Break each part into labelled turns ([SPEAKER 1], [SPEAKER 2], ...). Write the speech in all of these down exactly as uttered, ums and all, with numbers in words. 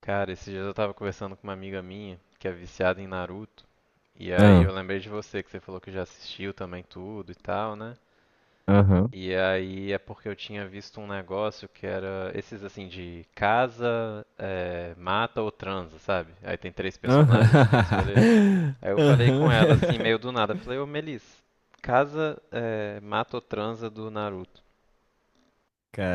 [SPEAKER 1] Cara, esses dias eu tava conversando com uma amiga minha que é viciada em Naruto, e aí
[SPEAKER 2] Ah.
[SPEAKER 1] eu lembrei de você, que você falou que já assistiu também tudo e tal, né?
[SPEAKER 2] Aham.
[SPEAKER 1] E aí é porque eu tinha visto um negócio que era esses assim de casa, eh, mata ou transa, sabe? Aí tem três personagens, você tem que escolher.
[SPEAKER 2] Aham.
[SPEAKER 1] Aí eu falei com ela assim,
[SPEAKER 2] Aham.
[SPEAKER 1] meio do nada, falei, ô Melis, casa, eh, mata ou transa do Naruto.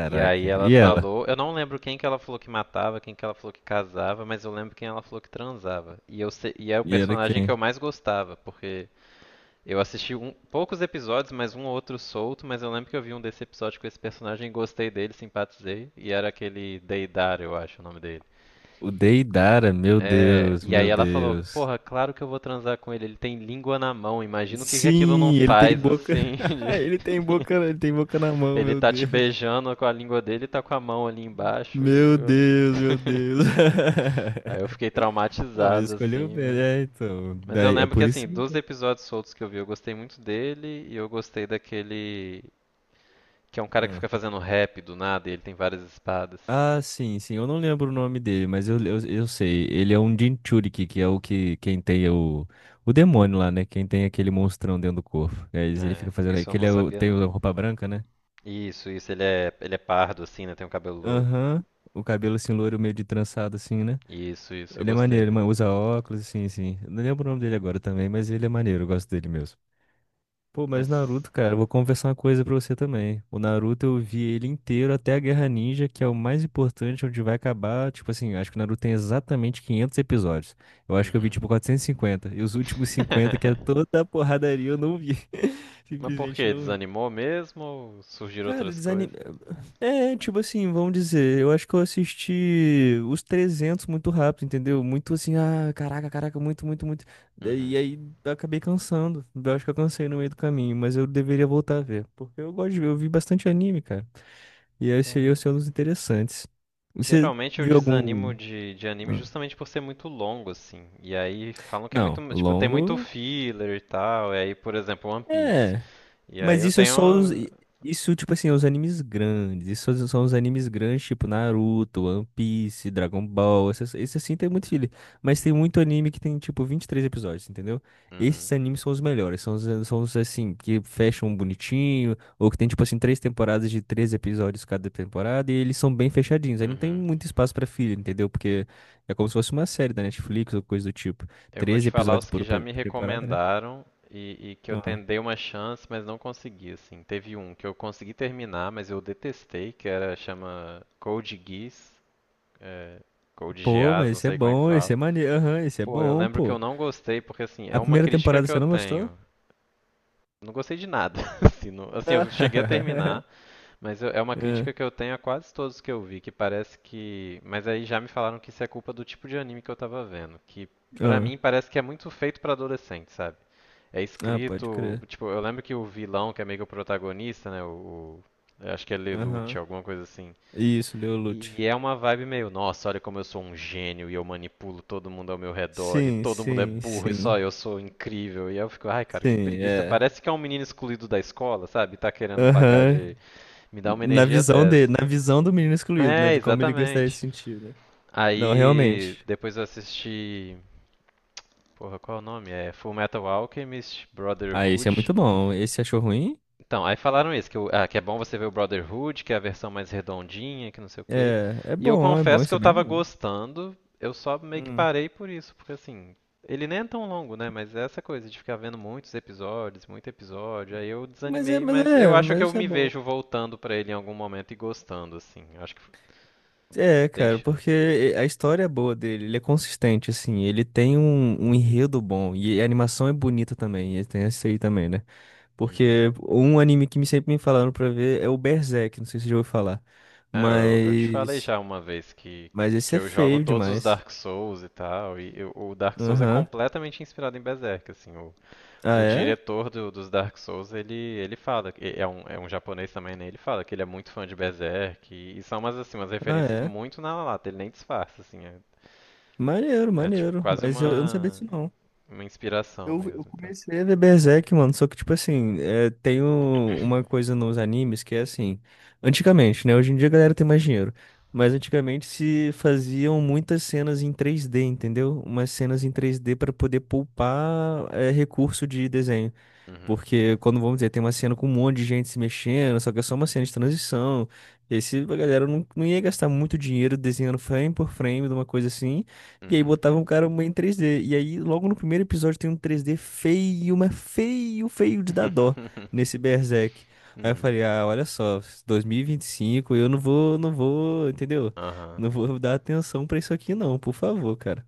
[SPEAKER 1] E aí ela
[SPEAKER 2] E ela?
[SPEAKER 1] falou, eu não lembro quem que ela falou que matava, quem que ela falou que casava, mas eu lembro quem ela falou que transava. E eu se- e é o
[SPEAKER 2] E ela é
[SPEAKER 1] personagem que eu
[SPEAKER 2] quem?
[SPEAKER 1] mais gostava, porque eu assisti um- poucos episódios, mas um ou outro solto, mas eu lembro que eu vi um desse episódio com esse personagem, gostei dele, simpatizei, e era aquele Deidara, eu acho o nome dele.
[SPEAKER 2] O Deidara, meu
[SPEAKER 1] É,
[SPEAKER 2] Deus,
[SPEAKER 1] e aí
[SPEAKER 2] meu
[SPEAKER 1] ela falou,
[SPEAKER 2] Deus.
[SPEAKER 1] porra, claro que eu vou transar com ele, ele tem língua na mão, imagina o que que aquilo não
[SPEAKER 2] Sim, ele tem
[SPEAKER 1] faz,
[SPEAKER 2] boca.
[SPEAKER 1] assim, de-
[SPEAKER 2] Ele tem boca, ele tem boca na mão,
[SPEAKER 1] ele
[SPEAKER 2] meu
[SPEAKER 1] tá te
[SPEAKER 2] Deus.
[SPEAKER 1] beijando com a língua dele e tá com a mão ali embaixo, e
[SPEAKER 2] Meu
[SPEAKER 1] eu...
[SPEAKER 2] Deus, meu Deus.
[SPEAKER 1] Aí eu fiquei
[SPEAKER 2] Não, mas
[SPEAKER 1] traumatizado,
[SPEAKER 2] escolheu
[SPEAKER 1] assim,
[SPEAKER 2] bem,
[SPEAKER 1] mas...
[SPEAKER 2] é, então.
[SPEAKER 1] Mas eu
[SPEAKER 2] Daí, é
[SPEAKER 1] lembro que,
[SPEAKER 2] por isso
[SPEAKER 1] assim,
[SPEAKER 2] que.
[SPEAKER 1] dos episódios soltos que eu vi, eu gostei muito dele e eu gostei daquele... Que é um cara que
[SPEAKER 2] Ah.
[SPEAKER 1] fica fazendo rap do nada e ele tem várias espadas.
[SPEAKER 2] Ah, sim, sim. Eu não lembro o nome dele, mas eu, eu, eu sei. Ele é um Jinchuriki, que é o que quem tem o, o demônio lá, né? Quem tem aquele monstrão dentro do corpo. Aí ele fica
[SPEAKER 1] É,
[SPEAKER 2] fazendo aí.
[SPEAKER 1] isso eu
[SPEAKER 2] Que
[SPEAKER 1] não
[SPEAKER 2] ele é o-
[SPEAKER 1] sabia,
[SPEAKER 2] tem
[SPEAKER 1] não.
[SPEAKER 2] a roupa branca, né?
[SPEAKER 1] Isso, isso, ele é, ele é pardo, assim, né? Tem um cabelo loiro.
[SPEAKER 2] Aham. O cabelo assim, loiro, meio de trançado, assim, né?
[SPEAKER 1] Isso, isso, eu
[SPEAKER 2] Ele é
[SPEAKER 1] gostei
[SPEAKER 2] maneiro, ele
[SPEAKER 1] dele.
[SPEAKER 2] ma- usa óculos, assim, assim. Eu Não lembro o nome dele agora também, mas ele é maneiro, eu gosto dele mesmo. Pô, mas
[SPEAKER 1] Mas...
[SPEAKER 2] Naruto, cara, eu vou confessar uma coisa pra você também. O Naruto eu vi ele inteiro até a Guerra Ninja, que é o mais importante, onde vai acabar. Tipo assim, acho que o Naruto tem exatamente quinhentos episódios. Eu acho que eu vi
[SPEAKER 1] Uhum.
[SPEAKER 2] tipo quatrocentos e cinquenta. E cinquenta. E os últimos cinquenta, que é toda a porradaria, eu não vi.
[SPEAKER 1] Mas por
[SPEAKER 2] Simplesmente
[SPEAKER 1] quê?
[SPEAKER 2] não vi.
[SPEAKER 1] Desanimou mesmo ou surgiram
[SPEAKER 2] Cara,
[SPEAKER 1] outras coisas?
[SPEAKER 2] desanime... É, tipo assim, vamos dizer, eu acho que eu assisti os trezentos muito rápido, entendeu? Muito assim, ah, caraca, caraca, muito, muito, muito. E
[SPEAKER 1] Uhum.
[SPEAKER 2] aí eu acabei cansando. Eu acho que eu cansei no meio do caminho, mas eu deveria voltar a ver, porque eu gosto de ver, eu vi bastante anime, cara. E aí seria o
[SPEAKER 1] É.
[SPEAKER 2] seu dos interessantes. Você
[SPEAKER 1] Geralmente eu
[SPEAKER 2] viu
[SPEAKER 1] desanimo
[SPEAKER 2] algum?
[SPEAKER 1] de, de anime
[SPEAKER 2] Ah.
[SPEAKER 1] justamente por ser muito longo, assim. E aí falam que é
[SPEAKER 2] Não,
[SPEAKER 1] muito, tipo, tem muito
[SPEAKER 2] longo.
[SPEAKER 1] filler e tal. E aí, por exemplo, One Piece.
[SPEAKER 2] É.
[SPEAKER 1] E aí
[SPEAKER 2] Mas
[SPEAKER 1] eu
[SPEAKER 2] isso é
[SPEAKER 1] tenho.
[SPEAKER 2] só os. Isso, tipo assim, é os animes grandes. Isso são os animes grandes, tipo Naruto, One Piece, Dragon Ball. Esses, esse assim tem muito filho. Mas tem muito anime que tem, tipo, vinte e três episódios, entendeu? Esses
[SPEAKER 1] Uhum,
[SPEAKER 2] animes são os melhores. São os, são os, assim, que fecham bonitinho. Ou que tem, tipo assim, três temporadas de três episódios cada temporada. E eles são bem fechadinhos. Aí não tem
[SPEAKER 1] uhum.
[SPEAKER 2] muito espaço pra filho, entendeu? Porque é como se fosse uma série da Netflix ou coisa do tipo.
[SPEAKER 1] Eu vou
[SPEAKER 2] treze
[SPEAKER 1] te falar
[SPEAKER 2] episódios
[SPEAKER 1] os que
[SPEAKER 2] por
[SPEAKER 1] já
[SPEAKER 2] pe-
[SPEAKER 1] me
[SPEAKER 2] por temporada,
[SPEAKER 1] recomendaram e, e que eu
[SPEAKER 2] né?
[SPEAKER 1] ten- dei uma chance, mas não consegui, assim. Teve um que eu consegui terminar, mas eu detestei, que era, chama Code Geass. É, Code
[SPEAKER 2] Pô,
[SPEAKER 1] Geass,
[SPEAKER 2] mas
[SPEAKER 1] não
[SPEAKER 2] esse é
[SPEAKER 1] sei como é que
[SPEAKER 2] bom, esse
[SPEAKER 1] fala.
[SPEAKER 2] é maneiro. Aham, esse é
[SPEAKER 1] Pô, eu
[SPEAKER 2] bom,
[SPEAKER 1] lembro que eu
[SPEAKER 2] pô.
[SPEAKER 1] não gostei, porque assim, é
[SPEAKER 2] A
[SPEAKER 1] uma
[SPEAKER 2] primeira
[SPEAKER 1] crítica
[SPEAKER 2] temporada
[SPEAKER 1] que eu
[SPEAKER 2] você não gostou?
[SPEAKER 1] tenho. Não gostei de nada. Assim, não- assim, eu cheguei a terminar, mas eu- é uma
[SPEAKER 2] Ah,
[SPEAKER 1] crítica que eu tenho a quase todos que eu vi, que parece que. Mas aí já me falaram que isso é culpa do tipo de anime que eu tava vendo, que pra
[SPEAKER 2] ah,
[SPEAKER 1] mim parece que é muito feito pra adolescente, sabe? É
[SPEAKER 2] ah, pode
[SPEAKER 1] escrito,
[SPEAKER 2] crer.
[SPEAKER 1] tipo, eu lembro que o vilão, que é meio que o protagonista, né, o, o- eu acho que é Lelouch,
[SPEAKER 2] Aham.
[SPEAKER 1] alguma coisa assim.
[SPEAKER 2] Isso, Leolute.
[SPEAKER 1] E é uma vibe meio, nossa, olha como eu sou um gênio e eu manipulo todo mundo ao meu redor e
[SPEAKER 2] Sim,
[SPEAKER 1] todo mundo é
[SPEAKER 2] sim,
[SPEAKER 1] burro e
[SPEAKER 2] sim.
[SPEAKER 1] só eu sou incrível. E eu fico, ai, cara, que
[SPEAKER 2] Sim,
[SPEAKER 1] preguiça.
[SPEAKER 2] é.
[SPEAKER 1] Parece que é um menino excluído da escola, sabe? Tá querendo pagar
[SPEAKER 2] Aham.
[SPEAKER 1] de. Me dá uma
[SPEAKER 2] Na
[SPEAKER 1] energia
[SPEAKER 2] visão
[SPEAKER 1] dez.
[SPEAKER 2] dele, na visão do menino excluído, né?
[SPEAKER 1] É,
[SPEAKER 2] De como ele gostaria de
[SPEAKER 1] exatamente.
[SPEAKER 2] se sentir, né? Não,
[SPEAKER 1] Aí
[SPEAKER 2] realmente.
[SPEAKER 1] depois eu assisti. Porra, qual é o nome? É Full Metal Alchemist
[SPEAKER 2] Ah, esse é
[SPEAKER 1] Brotherhood.
[SPEAKER 2] muito bom. Esse você achou ruim?
[SPEAKER 1] Então, aí falaram isso, que, o- ah, que é bom você ver o Brotherhood, que é a versão mais redondinha, que não sei o quê.
[SPEAKER 2] É, é
[SPEAKER 1] E eu
[SPEAKER 2] bom, é bom,
[SPEAKER 1] confesso que
[SPEAKER 2] isso é
[SPEAKER 1] eu
[SPEAKER 2] bem
[SPEAKER 1] tava
[SPEAKER 2] bom.
[SPEAKER 1] gostando, eu só meio que
[SPEAKER 2] Hum.
[SPEAKER 1] parei por isso, porque assim, ele nem é tão longo, né? Mas é essa coisa de ficar vendo muitos episódios, muito episódio, aí eu
[SPEAKER 2] Mas é,
[SPEAKER 1] desanimei,
[SPEAKER 2] mas
[SPEAKER 1] mas eu
[SPEAKER 2] é,
[SPEAKER 1] acho que
[SPEAKER 2] mas
[SPEAKER 1] eu
[SPEAKER 2] isso é
[SPEAKER 1] me
[SPEAKER 2] bom.
[SPEAKER 1] vejo voltando pra ele em algum momento e gostando, assim. Acho que
[SPEAKER 2] É,
[SPEAKER 1] tem
[SPEAKER 2] cara,
[SPEAKER 1] chance.
[SPEAKER 2] porque eh, a história é boa dele, ele é consistente, assim, ele tem um, um enredo bom, e a animação é bonita também, e tem esse aí também, né?
[SPEAKER 1] Uhum.
[SPEAKER 2] Porque um anime que me sempre me falaram pra ver é o Berserk, não sei se você já ouviu falar,
[SPEAKER 1] É, eu, eu te falei
[SPEAKER 2] mas...
[SPEAKER 1] já uma vez que,
[SPEAKER 2] Mas esse
[SPEAKER 1] que
[SPEAKER 2] é
[SPEAKER 1] eu jogo
[SPEAKER 2] feio
[SPEAKER 1] todos os
[SPEAKER 2] demais.
[SPEAKER 1] Dark Souls e tal, e eu- o Dark Souls é
[SPEAKER 2] Aham.
[SPEAKER 1] completamente inspirado em Berserk, assim, o
[SPEAKER 2] Ah,
[SPEAKER 1] O
[SPEAKER 2] é?
[SPEAKER 1] diretor do- dos Dark Souls, ele, ele fala, que- é um, é um, japonês também, né? Ele fala que ele é muito fã de Berserk e, e são umas, assim, umas
[SPEAKER 2] Ah,
[SPEAKER 1] referências
[SPEAKER 2] é?
[SPEAKER 1] muito na lata, ele nem disfarça, assim, é,
[SPEAKER 2] Maneiro,
[SPEAKER 1] é tipo
[SPEAKER 2] maneiro,
[SPEAKER 1] quase
[SPEAKER 2] mas eu, eu não sabia
[SPEAKER 1] uma,
[SPEAKER 2] disso não.
[SPEAKER 1] uma inspiração
[SPEAKER 2] Eu, eu
[SPEAKER 1] mesmo, tá?
[SPEAKER 2] comecei a ver Berserk, mano, só que, tipo assim, é, tem o- uma coisa nos animes que é assim, antigamente, né? Hoje em dia a galera tem mais dinheiro, mas antigamente se faziam muitas cenas em três D, entendeu? Umas cenas em três D pra poder poupar, é, recurso de desenho.
[SPEAKER 1] Uhum,
[SPEAKER 2] Porque quando, vamos dizer, tem uma cena com um monte de gente se mexendo, só que é só uma cena de transição. E aí se a galera não, não ia gastar muito dinheiro desenhando frame por frame de uma coisa assim. E aí
[SPEAKER 1] uhum.
[SPEAKER 2] botava um cara em três D. E aí, logo no primeiro episódio, tem um três D feio, mas feio, feio de dar dó nesse Berserk. Aí eu falei, ah, olha só, dois mil e vinte e cinco, eu não vou, não vou, entendeu?
[SPEAKER 1] Aham.
[SPEAKER 2] Não vou dar atenção pra isso aqui, não, por favor, cara.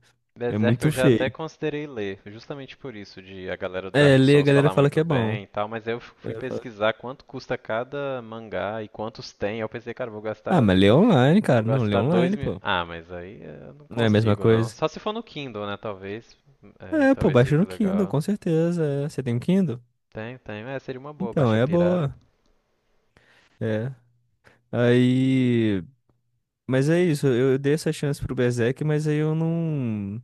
[SPEAKER 2] É
[SPEAKER 1] Berserk
[SPEAKER 2] muito
[SPEAKER 1] eu já até
[SPEAKER 2] feio.
[SPEAKER 1] considerei ler, justamente por isso, de a galera do
[SPEAKER 2] É,
[SPEAKER 1] Dark
[SPEAKER 2] ler a
[SPEAKER 1] Souls
[SPEAKER 2] galera
[SPEAKER 1] falar
[SPEAKER 2] fala
[SPEAKER 1] muito
[SPEAKER 2] que é bom.
[SPEAKER 1] bem e tal, mas aí eu fu- fui pesquisar quanto custa cada mangá e quantos tem, aí eu pensei, cara, eu vou
[SPEAKER 2] Ah,
[SPEAKER 1] gastar.
[SPEAKER 2] mas lê online,
[SPEAKER 1] Vou
[SPEAKER 2] cara. Não, lê
[SPEAKER 1] gastar dois
[SPEAKER 2] online,
[SPEAKER 1] mil.
[SPEAKER 2] pô.
[SPEAKER 1] Ah, mas aí eu não
[SPEAKER 2] Não é a mesma
[SPEAKER 1] consigo não.
[SPEAKER 2] coisa.
[SPEAKER 1] Só se for no Kindle, né? Talvez. É,
[SPEAKER 2] É, pô,
[SPEAKER 1] talvez
[SPEAKER 2] baixa
[SPEAKER 1] fique
[SPEAKER 2] no Kindle,
[SPEAKER 1] legal.
[SPEAKER 2] com certeza. é. Você tem um Kindle?
[SPEAKER 1] Tem, tem. É, seria uma boa,
[SPEAKER 2] Então,
[SPEAKER 1] baixa
[SPEAKER 2] é
[SPEAKER 1] pirata.
[SPEAKER 2] boa. É. Aí. Mas é isso, eu eu dei essa chance pro Berserk, mas aí eu não.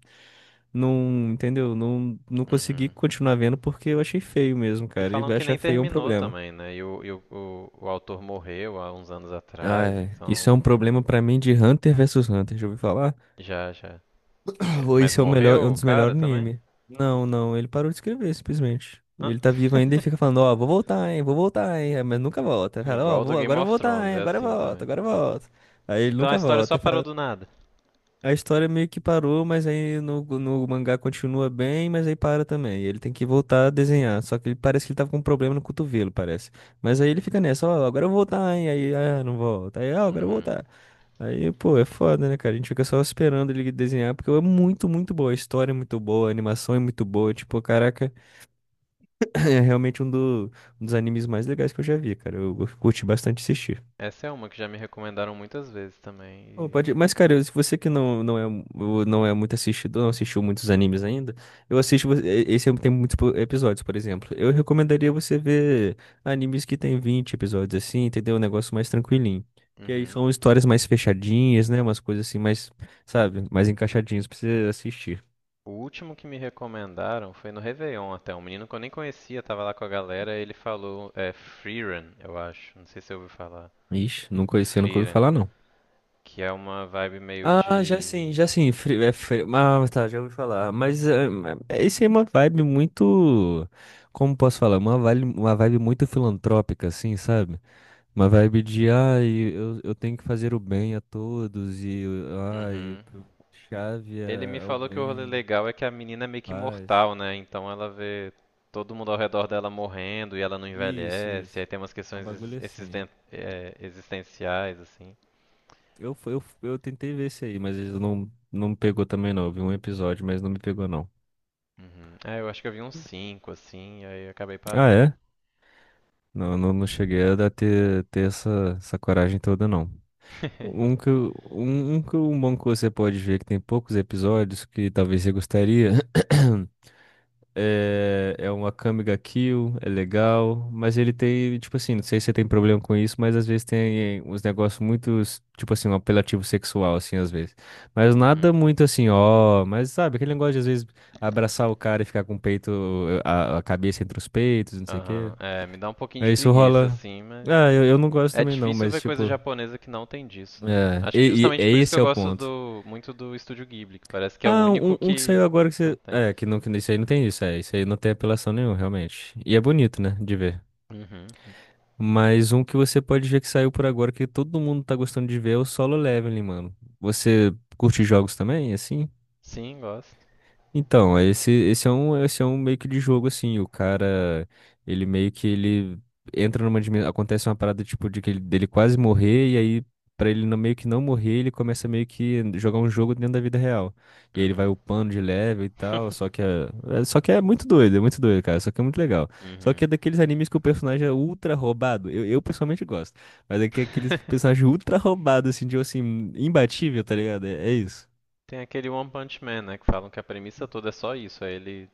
[SPEAKER 2] Não, entendeu? Não, não consegui
[SPEAKER 1] Uhum.
[SPEAKER 2] continuar vendo porque eu achei feio mesmo,
[SPEAKER 1] E
[SPEAKER 2] cara. E
[SPEAKER 1] falam que
[SPEAKER 2] achar
[SPEAKER 1] nem
[SPEAKER 2] feio é um
[SPEAKER 1] terminou
[SPEAKER 2] problema.
[SPEAKER 1] também, né? E o, e o, o, o autor morreu há uns anos
[SPEAKER 2] Ah,
[SPEAKER 1] atrás,
[SPEAKER 2] é. Isso é um
[SPEAKER 1] então.
[SPEAKER 2] problema pra mim de Hunter versus Hunter, já ouviu falar?
[SPEAKER 1] Já, já. Por quê?
[SPEAKER 2] Pô,
[SPEAKER 1] Mas
[SPEAKER 2] Esse é o melhor, é
[SPEAKER 1] morreu
[SPEAKER 2] um
[SPEAKER 1] o
[SPEAKER 2] dos
[SPEAKER 1] cara
[SPEAKER 2] melhores
[SPEAKER 1] também?
[SPEAKER 2] anime. Não, não, ele parou de escrever, simplesmente.
[SPEAKER 1] Ah.
[SPEAKER 2] Ele tá vivo ainda e fica falando, ó, vou voltar, hein, vou voltar, hein, é, mas nunca volta. Fala, ó,
[SPEAKER 1] Igual do
[SPEAKER 2] vou,
[SPEAKER 1] Game
[SPEAKER 2] agora eu
[SPEAKER 1] of
[SPEAKER 2] vou voltar,
[SPEAKER 1] Thrones,
[SPEAKER 2] hein,
[SPEAKER 1] é
[SPEAKER 2] agora eu
[SPEAKER 1] assim
[SPEAKER 2] volto,
[SPEAKER 1] também.
[SPEAKER 2] agora eu volto. Aí ele
[SPEAKER 1] Então a
[SPEAKER 2] nunca
[SPEAKER 1] história só
[SPEAKER 2] volta. Aí
[SPEAKER 1] parou
[SPEAKER 2] fala-
[SPEAKER 1] do nada.
[SPEAKER 2] a história meio que parou, mas aí no, no, mangá continua bem, mas aí para também. Ele tem que voltar a desenhar, só que ele parece que ele tava com um problema no cotovelo, parece. Mas aí ele fica nessa, ó, agora eu vou voltar, hein, aí, ah, não volta. Aí, ó, agora eu vou
[SPEAKER 1] Uhum.
[SPEAKER 2] voltar. Aí, pô, é foda, né, cara? A gente fica só esperando ele desenhar, porque é muito, muito boa. A história é muito boa, a animação é muito boa. Tipo, caraca, é realmente um, do- um dos animes mais legais que eu já vi, cara. Eu, eu curti bastante assistir.
[SPEAKER 1] Essa é uma que já me recomendaram muitas vezes também.
[SPEAKER 2] Pô,
[SPEAKER 1] E-
[SPEAKER 2] pode... Mas, cara, eu- se você que não, não, é, mu- não é muito assistidor, não assistiu muitos animes ainda, eu assisto. vo- e- Esse é, tem muitos po- episódios, por exemplo. Eu recomendaria você ver animes que tem vinte episódios assim, entendeu? Um negócio mais tranquilinho. Que aí
[SPEAKER 1] Uhum.
[SPEAKER 2] são histórias mais fechadinhas, né? Umas coisas assim, mais, sabe? Mais encaixadinhas pra você assistir.
[SPEAKER 1] O último que me recomendaram foi no Réveillon até. Um menino que eu nem conhecia, tava lá com a galera, ele falou, é Freerun, eu acho. Não sei se você ouviu falar.
[SPEAKER 2] Ixi, nunca, esse eu nunca ouvi
[SPEAKER 1] Freerun,
[SPEAKER 2] falar, não.
[SPEAKER 1] que é uma vibe meio
[SPEAKER 2] Ah, já sim,
[SPEAKER 1] de.
[SPEAKER 2] já sim. Fri- é fri- Ah, tá, já ouvi falar. Mas é, é- esse é uma vibe muito. Como posso falar? Uma vibe, uma vibe muito filantrópica, assim, sabe? Uma vibe de, ai, eu, eu tenho que fazer o bem a todos, e, ai,
[SPEAKER 1] Uhum.
[SPEAKER 2] chave
[SPEAKER 1] Ele me
[SPEAKER 2] é, é o
[SPEAKER 1] falou que o rolê
[SPEAKER 2] bem,
[SPEAKER 1] legal é que a menina é meio que
[SPEAKER 2] paz.
[SPEAKER 1] imortal, né? Então ela vê todo mundo ao redor dela morrendo e ela não
[SPEAKER 2] Isso,
[SPEAKER 1] envelhece.
[SPEAKER 2] isso.
[SPEAKER 1] Aí tem umas
[SPEAKER 2] É um
[SPEAKER 1] questões ex-
[SPEAKER 2] bagulho assim.
[SPEAKER 1] existen- é, existenciais, assim.
[SPEAKER 2] Eu, fu- eu, fu- eu tentei ver esse aí, mas ele não, não me pegou também, não. Eu vi um episódio, mas não me pegou, não.
[SPEAKER 1] Uhum. Ah, eu acho que eu vi uns cinco, assim, e aí eu acabei
[SPEAKER 2] Ah,
[SPEAKER 1] parando.
[SPEAKER 2] é? Não, não, não cheguei a dar- ter, ter essa, essa coragem toda, não. Um que, eu- um, um que eu- um bom que você pode ver, que tem poucos episódios, que talvez você gostaria, é, é uma Akame ga Kill, é legal, mas ele tem, tipo assim, não sei se você tem problema com isso, mas às vezes tem uns negócios muito, tipo assim, um apelativo sexual, assim, às vezes. Mas nada
[SPEAKER 1] Uhum.
[SPEAKER 2] muito assim, ó, mas sabe, aquele negócio de às vezes abraçar o cara e ficar com o peito, a, a cabeça entre os peitos, não sei o quê.
[SPEAKER 1] Aham. É, me dá um pouquinho de
[SPEAKER 2] É, isso
[SPEAKER 1] preguiça,
[SPEAKER 2] rola.
[SPEAKER 1] assim, mas.
[SPEAKER 2] Ah, eu, eu não gosto
[SPEAKER 1] É
[SPEAKER 2] também não,
[SPEAKER 1] difícil
[SPEAKER 2] mas
[SPEAKER 1] ver coisa
[SPEAKER 2] tipo.
[SPEAKER 1] japonesa que não tem disso, né?
[SPEAKER 2] É,
[SPEAKER 1] Acho que
[SPEAKER 2] e, e-
[SPEAKER 1] justamente por
[SPEAKER 2] e
[SPEAKER 1] isso que
[SPEAKER 2] esse
[SPEAKER 1] eu
[SPEAKER 2] é o
[SPEAKER 1] gosto
[SPEAKER 2] ponto.
[SPEAKER 1] do, muito do Estúdio Ghibli, que parece que é o
[SPEAKER 2] Ah,
[SPEAKER 1] único
[SPEAKER 2] um, um que
[SPEAKER 1] que
[SPEAKER 2] saiu agora que
[SPEAKER 1] não
[SPEAKER 2] você.
[SPEAKER 1] tem.
[SPEAKER 2] É, que não, que isso aí não tem isso, é. Isso aí não tem apelação nenhuma, realmente. E é bonito, né, de ver.
[SPEAKER 1] Uhum.
[SPEAKER 2] Mas um que você pode ver que saiu por agora que todo mundo tá gostando de ver é o Solo Leveling, mano. Você curte jogos também, assim?
[SPEAKER 1] Sim, gosto.
[SPEAKER 2] Então, esse, esse é um, esse é um meio que de jogo, assim, o cara, ele meio que ele entra numa dimensão, acontece uma parada, tipo, de que ele, dele quase morrer, e aí, pra ele não, meio que não morrer, ele começa meio que jogar um jogo dentro da vida real. E aí ele vai
[SPEAKER 1] Uhum.
[SPEAKER 2] upando de level e tal, só que é, é- só que é muito doido, é muito doido, cara, só que é muito legal. Só que
[SPEAKER 1] Uhum.
[SPEAKER 2] é daqueles animes que o personagem é ultra roubado, eu, eu pessoalmente gosto, mas é que é aqueles personagens ultra roubados, assim, de, assim, imbatível, tá ligado? é é isso.
[SPEAKER 1] Tem aquele One Punch Man, né? Que falam que a premissa toda é só isso, é ele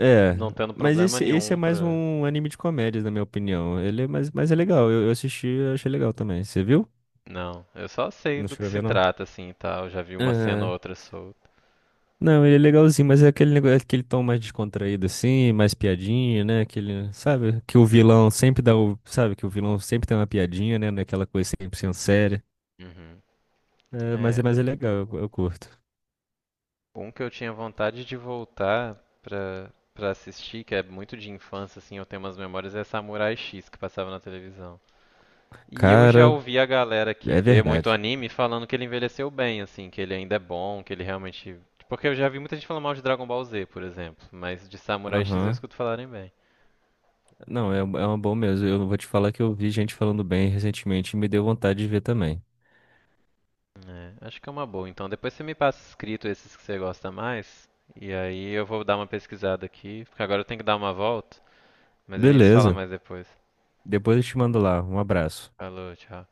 [SPEAKER 2] É,
[SPEAKER 1] não tendo
[SPEAKER 2] mas
[SPEAKER 1] problema
[SPEAKER 2] esse, esse é
[SPEAKER 1] nenhum
[SPEAKER 2] mais
[SPEAKER 1] pra.
[SPEAKER 2] um anime de comédias, na minha opinião. Ele é mais, mas é legal. Eu, eu assisti, eu achei legal também. Você viu?
[SPEAKER 1] Não, eu só sei
[SPEAKER 2] Não
[SPEAKER 1] do que
[SPEAKER 2] chegou a
[SPEAKER 1] se
[SPEAKER 2] ver, não?
[SPEAKER 1] trata, assim e tal. Já vi uma cena ou
[SPEAKER 2] Aham.
[SPEAKER 1] outra solta.
[SPEAKER 2] Não, ele é legalzinho, mas é aquele negócio, aquele tom mais descontraído assim, mais piadinha, né? Aquele, sabe? Que o vilão
[SPEAKER 1] Uhum.
[SPEAKER 2] sempre dá, o, sabe? Que o vilão sempre tem uma piadinha, né? Naquela coisa cem por cento séria.
[SPEAKER 1] Uhum.
[SPEAKER 2] É, mas é,
[SPEAKER 1] É.
[SPEAKER 2] mas é legal, eu, eu curto.
[SPEAKER 1] Um que eu tinha vontade de voltar pra, pra assistir, que é muito de infância, assim, eu tenho umas memórias, é Samurai X, que passava na televisão. E eu já
[SPEAKER 2] Cara,
[SPEAKER 1] ouvi a galera que
[SPEAKER 2] é
[SPEAKER 1] vê muito
[SPEAKER 2] verdade.
[SPEAKER 1] anime falando que ele envelheceu bem, assim, que ele ainda é bom, que ele realmente. Porque eu já vi muita gente falando mal de Dragon Ball Z, por exemplo, mas de Samurai X eu
[SPEAKER 2] Aham.
[SPEAKER 1] escuto falarem bem.
[SPEAKER 2] Não, é, é uma boa mesmo. Eu vou te falar que eu vi gente falando bem recentemente e me deu vontade de ver também.
[SPEAKER 1] É, acho que é uma boa. Então depois você me passa escrito esses que você gosta mais, e aí eu vou dar uma pesquisada aqui, porque agora eu tenho que dar uma volta, mas a gente se fala
[SPEAKER 2] Beleza.
[SPEAKER 1] mais depois.
[SPEAKER 2] Depois eu te mando lá. Um abraço.
[SPEAKER 1] Falou, tchau.